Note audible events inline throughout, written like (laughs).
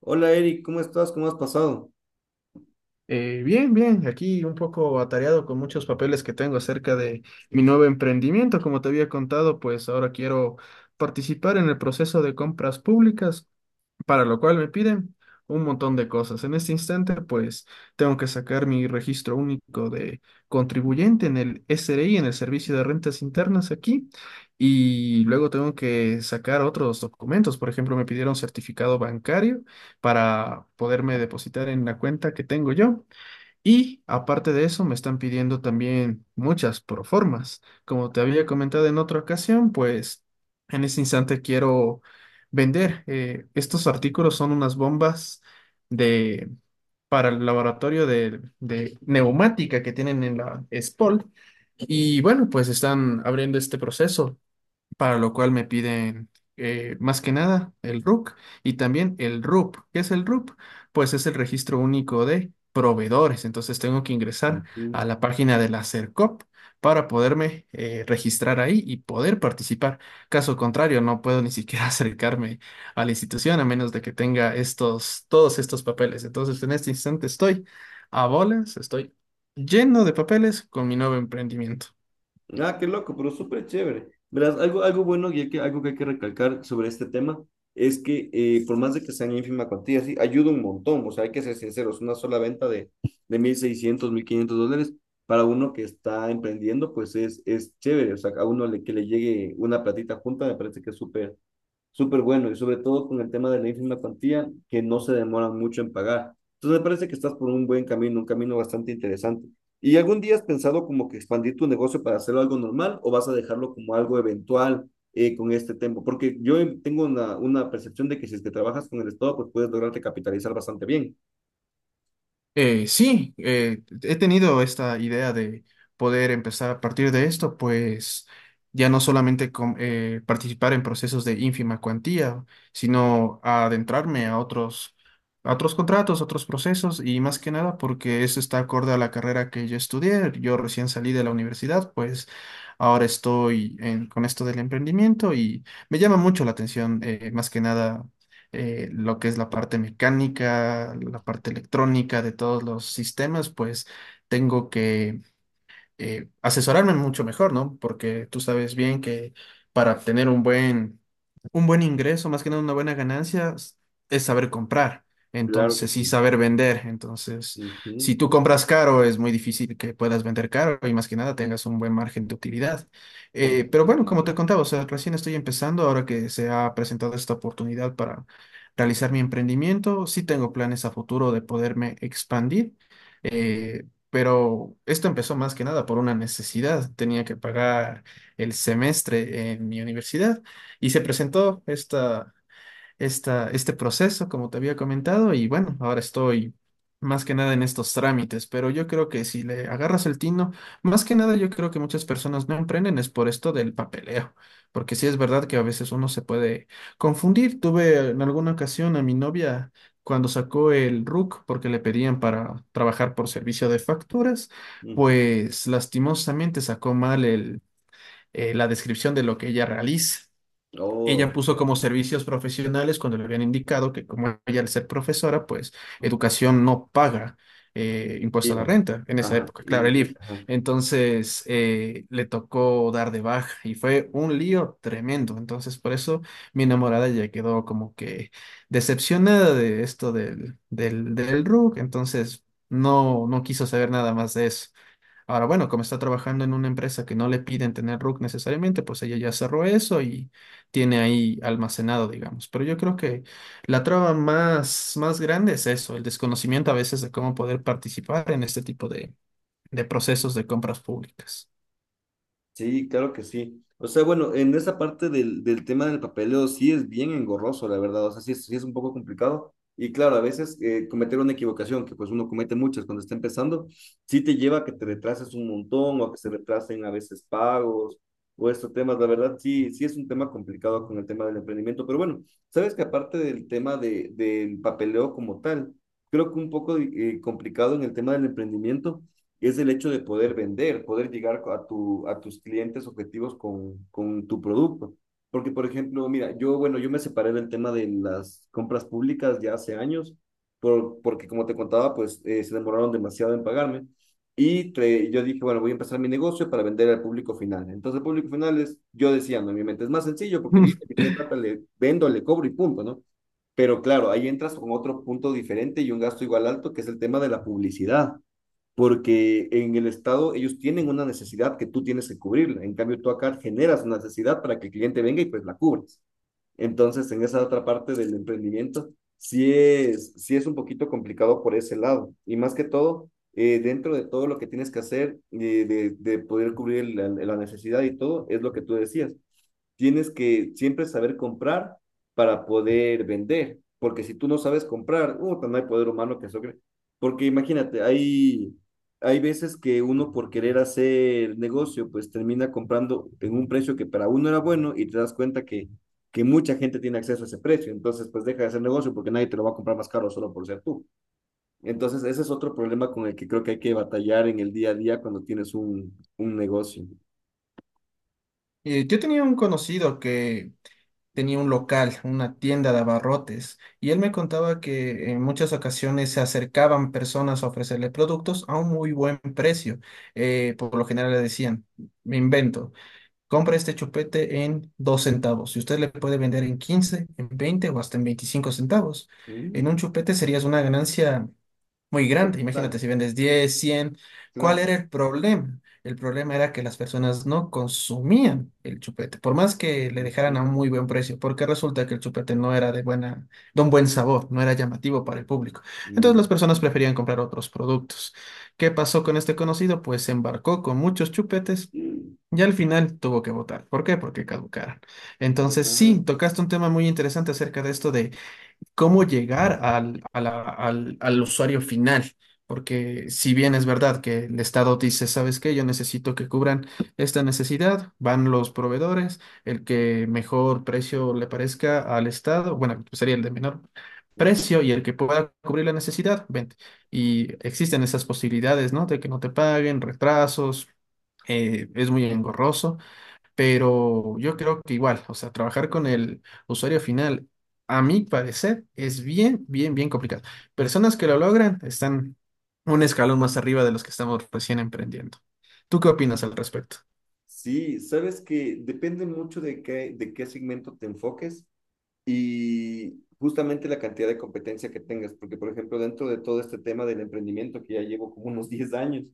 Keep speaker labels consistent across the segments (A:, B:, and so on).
A: Hola Eric, ¿cómo estás? ¿Cómo has pasado?
B: Bien, bien, aquí un poco atareado con muchos papeles que tengo acerca de mi nuevo emprendimiento. Como te había contado, pues ahora quiero participar en el proceso de compras públicas, para lo cual me piden un montón de cosas. En este instante, pues tengo que sacar mi registro único de contribuyente en el SRI, en el Servicio de Rentas Internas aquí, y luego tengo que sacar otros documentos. Por ejemplo, me pidieron certificado bancario para poderme depositar en la cuenta que tengo yo. Y aparte de eso, me están pidiendo también muchas proformas. Como te había comentado en otra ocasión, pues en este instante quiero vender. Estos artículos son unas bombas de, para el laboratorio de neumática que tienen en la SPOL. Y bueno, pues están abriendo este proceso para lo cual me piden más que nada el RUC y también el RUP. ¿Qué es el RUP? Pues es el registro único de proveedores. Entonces tengo que ingresar a la página de la Sercop para poderme registrar ahí y poder participar. Caso contrario, no puedo ni siquiera (laughs) acercarme a la institución a menos de que tenga todos estos papeles. Entonces en este instante estoy a bolas, estoy lleno de papeles con mi nuevo emprendimiento.
A: Ah, qué loco, pero súper chévere. Verás, algo bueno algo que hay que recalcar sobre este tema es que por más de que sean ínfima cuantía, sí, ayuda un montón. O sea, hay que ser sinceros, una sola venta de 1.600, 1.500 dólares para uno que está emprendiendo, pues es chévere. O sea, que le llegue una platita junta me parece que es súper, súper bueno, y sobre todo con el tema de la ínfima cuantía, que no se demora mucho en pagar. Entonces me parece que estás por un buen camino, un camino bastante interesante. ¿Y algún día has pensado como que expandir tu negocio para hacerlo algo normal o vas a dejarlo como algo eventual con este tiempo? Porque yo tengo una percepción de que si es que trabajas con el Estado, pues puedes lograrte capitalizar bastante bien.
B: Sí, he tenido esta idea de poder empezar a partir de esto, pues ya no solamente participar en procesos de ínfima cuantía, sino a adentrarme a a otros contratos, otros procesos y más que nada porque eso está acorde a la carrera que yo estudié. Yo recién salí de la universidad, pues ahora estoy con esto del emprendimiento y me llama mucho la atención, más que nada lo que es la parte mecánica, la parte electrónica de todos los sistemas, pues tengo que asesorarme mucho mejor, ¿no? Porque tú sabes bien que para obtener un buen ingreso, más que nada una buena ganancia, es saber comprar.
A: Claro que
B: Entonces, sí,
A: sí.
B: saber vender. Entonces, si
A: Ujú.
B: tú compras caro, es muy difícil que puedas vender caro y más que nada tengas un buen margen de utilidad. Pero
A: Completamente
B: bueno,
A: de
B: como te
A: acuerdo.
B: contaba, o sea, recién estoy empezando, ahora que se ha presentado esta oportunidad para realizar mi emprendimiento, sí tengo planes a futuro de poderme expandir. Eh, pero esto empezó más que nada por una necesidad. Tenía que pagar el semestre en mi universidad y se presentó este proceso, como te había comentado, y bueno, ahora estoy más que nada en estos trámites, pero yo creo que si le agarras el tino, más que nada yo creo que muchas personas no emprenden es por esto del papeleo, porque sí es verdad que a veces uno se puede confundir. Tuve en alguna ocasión a mi novia cuando sacó el RUC porque le pedían para trabajar por servicio de facturas,
A: Ujú.
B: pues lastimosamente sacó mal la descripción de lo que ella realiza. Ella
A: Oh,
B: puso
A: ya.
B: como servicios profesionales cuando le habían indicado que como ella al ser profesora, pues educación no paga impuesto a la
A: Iba.
B: renta en esa
A: Ajá,
B: época, claro, el
A: y,
B: IF.
A: ajá.
B: Entonces le tocó dar de baja y fue un lío tremendo. Entonces por eso mi enamorada ya quedó como que decepcionada de esto del RUC. Entonces no, no quiso saber nada más de eso. Ahora, bueno, como está trabajando en una empresa que no le piden tener RUC necesariamente, pues ella ya cerró eso y tiene ahí almacenado, digamos. Pero yo creo que la traba más, más grande es eso, el desconocimiento a veces de cómo poder participar en este tipo de procesos de compras públicas.
A: Sí, claro que sí. O sea, bueno, en esa parte del tema del papeleo sí es bien engorroso, la verdad. O sea, sí es un poco complicado. Y claro, a veces cometer una equivocación, que pues uno comete muchas cuando está empezando, sí te lleva a que te retrases un montón o a que se retrasen a veces pagos o estos temas. La verdad, sí es un tema complicado con el tema del emprendimiento. Pero bueno, sabes que aparte del papeleo como tal, creo que un poco complicado en el tema del emprendimiento es el hecho de poder vender, poder llegar a tus clientes objetivos con tu producto. Porque, por ejemplo, mira, yo me separé del tema de las compras públicas ya hace años, porque como te contaba, pues se demoraron demasiado en pagarme. Yo dije, bueno, voy a empezar mi negocio para vender al público final. Entonces, el público final es, yo decía, no, en mi mente es más sencillo porque viene
B: (laughs)
A: que tiene plata, le vendo, le cobro y punto, ¿no? Pero claro, ahí entras con otro punto diferente y un gasto igual alto, que es el tema de la publicidad porque en el Estado ellos tienen una necesidad que tú tienes que cubrirla. En cambio, tú acá generas una necesidad para que el cliente venga y pues la cubres. Entonces, en esa otra parte del emprendimiento, sí es un poquito complicado por ese lado. Y más que todo, dentro de todo lo que tienes que hacer, de poder cubrir la necesidad y todo, es lo que tú decías. Tienes que siempre saber comprar para poder vender, porque si tú no sabes comprar, no hay poder humano que eso cree. Porque imagínate, hay veces que uno por querer hacer negocio, pues termina comprando en un precio que para uno era bueno y te das cuenta que mucha gente tiene acceso a ese precio, entonces pues deja de hacer negocio porque nadie te lo va a comprar más caro solo por ser tú. Entonces ese es otro problema con el que creo que hay que batallar en el día a día cuando tienes un negocio.
B: Yo tenía un conocido que tenía un local, una tienda de abarrotes, y él me contaba que en muchas ocasiones se acercaban personas a ofrecerle productos a un muy buen precio. Por lo general le decían, me invento, compra este chupete en 2 centavos. Y usted le puede vender en 15 en 20 o hasta en 25 centavos. En
A: Mm.
B: un chupete serías una ganancia muy grande.
A: Total,
B: Imagínate si vendes 10 100. ¿Cuál
A: claro.
B: era el problema? El problema era que las personas no consumían el chupete, por más que le dejaran
A: Ujú.
B: a un muy buen precio, porque resulta que el chupete no era de un buen sabor, no era llamativo para el público. Entonces
A: Mm.
B: las personas preferían comprar otros productos. ¿Qué pasó con este conocido? Pues se embarcó con muchos chupetes.
A: Mm,
B: Y al final tuvo que votar. ¿Por qué? Porque caducaron. Entonces,
A: claro.
B: sí, tocaste un tema muy interesante acerca de esto de cómo llegar al, a la- al, al usuario final. Porque si bien es verdad que el Estado dice, ¿sabes qué? Yo necesito que cubran esta necesidad, van los proveedores, el que mejor precio le parezca al Estado, bueno, sería el de menor
A: Ujú.
B: precio y el que pueda cubrir la necesidad, vente. Y existen esas posibilidades, ¿no? De que no te paguen, retrasos, es muy engorroso. Pero yo creo que igual, o sea, trabajar con el usuario final, a mi parecer, es bien, bien, bien complicado. Personas que lo logran están un escalón más arriba de los que estamos recién emprendiendo. ¿Tú qué opinas al respecto?
A: Sí, sabes que depende mucho de qué segmento te enfoques y justamente la cantidad de competencia que tengas, porque por ejemplo, dentro de todo este tema del emprendimiento que ya llevo como unos 10 años.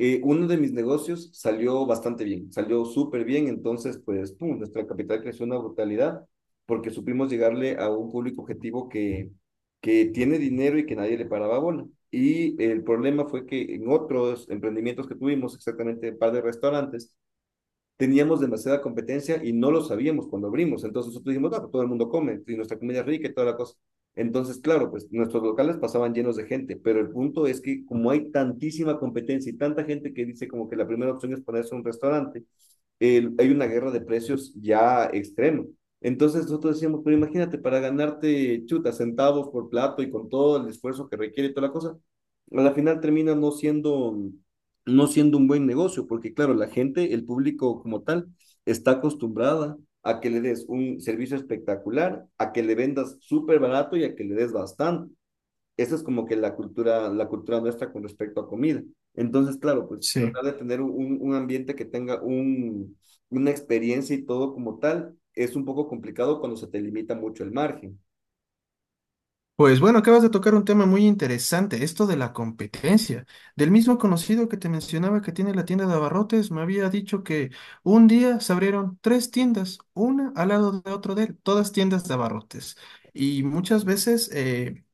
A: Uno de mis negocios salió bastante bien, salió súper bien, entonces pues pum, nuestra capital creció una brutalidad porque supimos llegarle a un público objetivo que tiene dinero y que nadie le paraba bola. Y el problema fue que en otros emprendimientos que tuvimos, exactamente un par de restaurantes, teníamos demasiada competencia y no lo sabíamos cuando abrimos. Entonces nosotros dijimos, ah, pues todo el mundo come y nuestra comida es rica y toda la cosa. Entonces, claro, pues nuestros locales pasaban llenos de gente, pero el punto es que como hay tantísima competencia y tanta gente que dice como que la primera opción es ponerse un restaurante, hay una guerra de precios ya extrema. Entonces nosotros decíamos, pero imagínate, para ganarte chuta, centavos por plato y con todo el esfuerzo que requiere y toda la cosa, a la final termina no siendo, no siendo un buen negocio, porque claro, la gente, el público como tal, está acostumbrada a que le des un servicio espectacular, a que le vendas súper barato y a que le des bastante. Esa es como que la cultura nuestra con respecto a comida. Entonces, claro, pues
B: Sí.
A: tratar de tener un ambiente que tenga una experiencia y todo como tal es un poco complicado cuando se te limita mucho el margen.
B: Pues bueno, acabas de tocar un tema muy interesante, esto de la competencia. Del mismo conocido que te mencionaba que tiene la tienda de abarrotes, me había dicho que un día se abrieron tres tiendas, una al lado de otro de él, todas tiendas de abarrotes. Y muchas veces,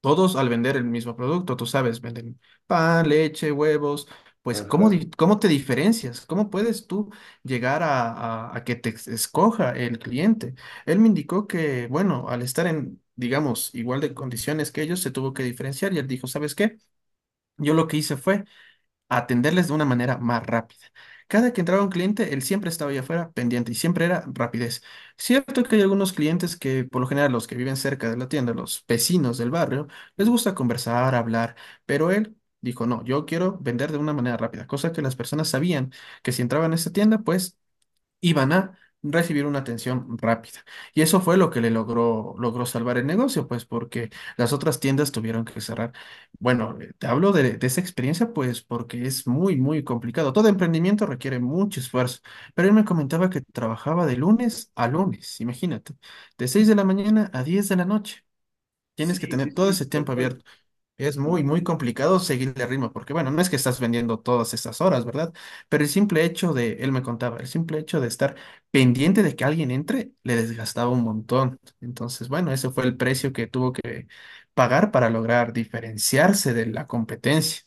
B: todos al vender el mismo producto, tú sabes, venden pan, leche, huevos, pues
A: Ajá.
B: ¿cómo te diferencias? ¿Cómo puedes tú llegar a que te escoja el cliente? Él me indicó que, bueno, al estar en, digamos, igual de condiciones que ellos, se tuvo que diferenciar y él dijo, ¿sabes qué? Yo lo que hice fue a atenderles de una manera más rápida. Cada que entraba un cliente, él siempre estaba allá afuera pendiente y siempre era rapidez. Cierto que hay algunos clientes que, por lo general, los que viven cerca de la tienda, los vecinos del barrio, les gusta conversar, hablar, pero él dijo, no, yo quiero vender de una manera rápida, cosa que las personas sabían que si entraban a esta tienda, pues iban a recibir una atención rápida. Y eso fue lo que le logró salvar el negocio, pues porque las otras tiendas tuvieron que cerrar. Bueno, te hablo de esa experiencia, pues porque es muy, muy complicado. Todo emprendimiento requiere mucho esfuerzo, pero él me comentaba que trabajaba de lunes a lunes, imagínate, de 6 de la mañana a 10 de la noche.
A: Sí,
B: Tienes que
A: sí,
B: tener todo
A: sí,
B: ese
A: tal
B: tiempo
A: cual.
B: abierto. Es muy, muy
A: Ujú.
B: complicado seguirle el ritmo, porque bueno, no es que estás vendiendo todas estas horas, ¿verdad? Pero el simple hecho de, él me contaba, el simple hecho de estar pendiente de que alguien entre, le desgastaba un montón. Entonces, bueno, ese fue el precio que tuvo que pagar para lograr diferenciarse de la competencia.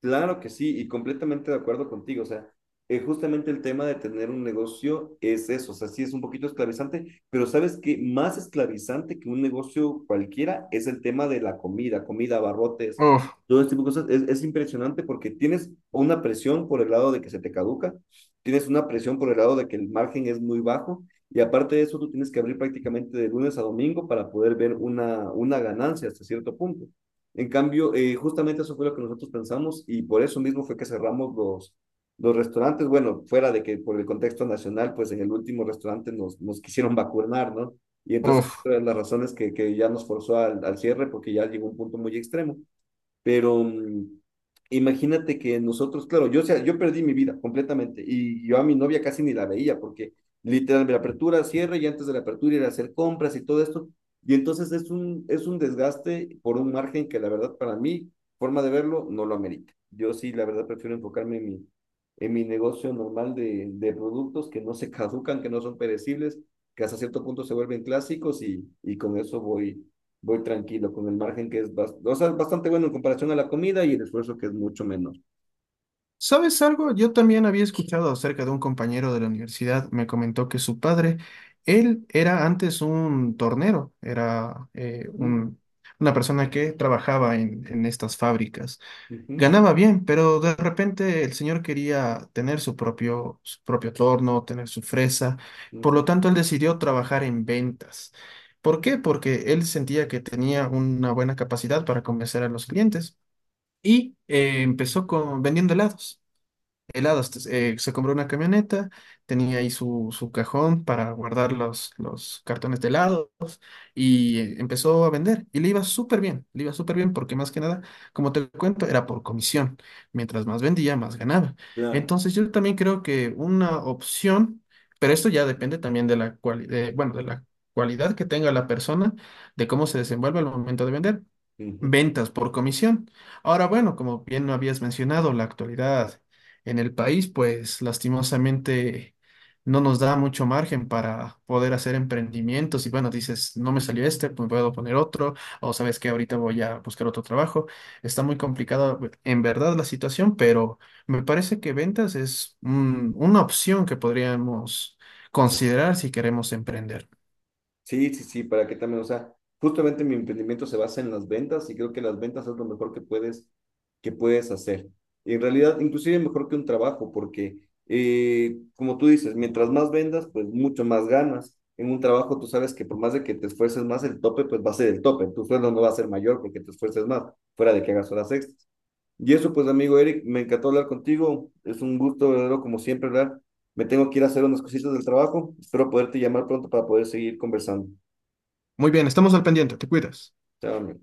A: Claro que sí, y completamente de acuerdo contigo. O sea, justamente el tema de tener un negocio es eso. O sea, sí es un poquito esclavizante, pero sabes que más esclavizante que un negocio cualquiera es el tema de la comida, abarrotes,
B: Uf,
A: todo este tipo de cosas. Es impresionante porque tienes una presión por el lado de que se te caduca, tienes una presión por el lado de que el margen es muy bajo, y aparte de eso, tú tienes que abrir prácticamente de lunes a domingo para poder ver una ganancia hasta cierto punto. En cambio, justamente eso fue lo que nosotros pensamos y por eso mismo fue que cerramos los restaurantes. Bueno, fuera de que por el contexto nacional, pues en el último restaurante nos quisieron vacunar, ¿no? Y entonces,
B: uf.
A: otra de las razones que ya nos forzó al cierre, porque ya llegó un punto muy extremo. Pero mm, imagínate que nosotros, claro, yo perdí mi vida completamente y yo a mi novia casi ni la veía porque literalmente la apertura, cierre y antes de la apertura ir a hacer compras y todo esto. Y entonces es un desgaste por un margen que la verdad para mí, forma de verlo, no lo amerita. Yo sí, la verdad, prefiero enfocarme en en mi negocio normal de productos que no se (laughs) caducan, que no son perecibles, que hasta cierto punto se vuelven clásicos y con eso voy tranquilo con el margen que es o sea, bastante bueno en comparación a la comida y el esfuerzo que es mucho menor.
B: ¿Sabes algo? Yo también había escuchado acerca de un compañero de la universidad, me comentó que su padre, él era antes un tornero, era
A: Ujú,
B: una persona que trabajaba en estas fábricas.
A: ujú,
B: Ganaba bien, pero de repente el señor quería tener su propio torno, tener su fresa, por
A: ujú.
B: lo tanto él decidió trabajar en ventas. ¿Por qué? Porque él sentía que tenía una buena capacidad para convencer a los clientes y empezó vendiendo helados. Entonces, se compró una camioneta, tenía ahí su cajón para guardar los cartones de helados y empezó a vender. Y le iba súper bien, le iba súper bien porque más que nada, como te cuento, era por comisión. Mientras más vendía, más ganaba.
A: Claro.
B: Entonces yo también creo que una opción, pero esto ya depende también de la cualidad, bueno, de la cualidad que tenga la persona, de cómo se desenvuelve al momento de vender.
A: Ujú.
B: Ventas por comisión. Ahora, bueno, como bien lo habías mencionado, la actualidad en el país, pues lastimosamente no nos da mucho margen para poder hacer emprendimientos. Y bueno, dices, no me salió este, pues puedo poner otro, o sabes que ahorita voy a buscar otro trabajo. Está muy complicada en verdad la situación, pero me parece que ventas es una opción que podríamos considerar si queremos emprender.
A: Sí, sí, sí, para que también, o sea, justamente mi emprendimiento se basa en las ventas y creo que las ventas es lo mejor que que puedes hacer. Y en realidad, inclusive mejor que un trabajo, porque como tú dices, mientras más vendas, pues mucho más ganas. En un trabajo tú sabes que por más de que te esfuerces más, el tope pues va a ser el tope. Tu sueldo no va a ser mayor porque te esfuerces más, fuera de que hagas horas extras. Y eso, pues, amigo Eric, me encantó hablar contigo. Es un gusto, verdadero, como siempre, ¿verdad? Me tengo que ir a hacer unas cositas del trabajo. Espero poderte llamar pronto para poder seguir conversando.
B: Muy bien, estamos al pendiente, te cuidas.
A: Chao, amigo.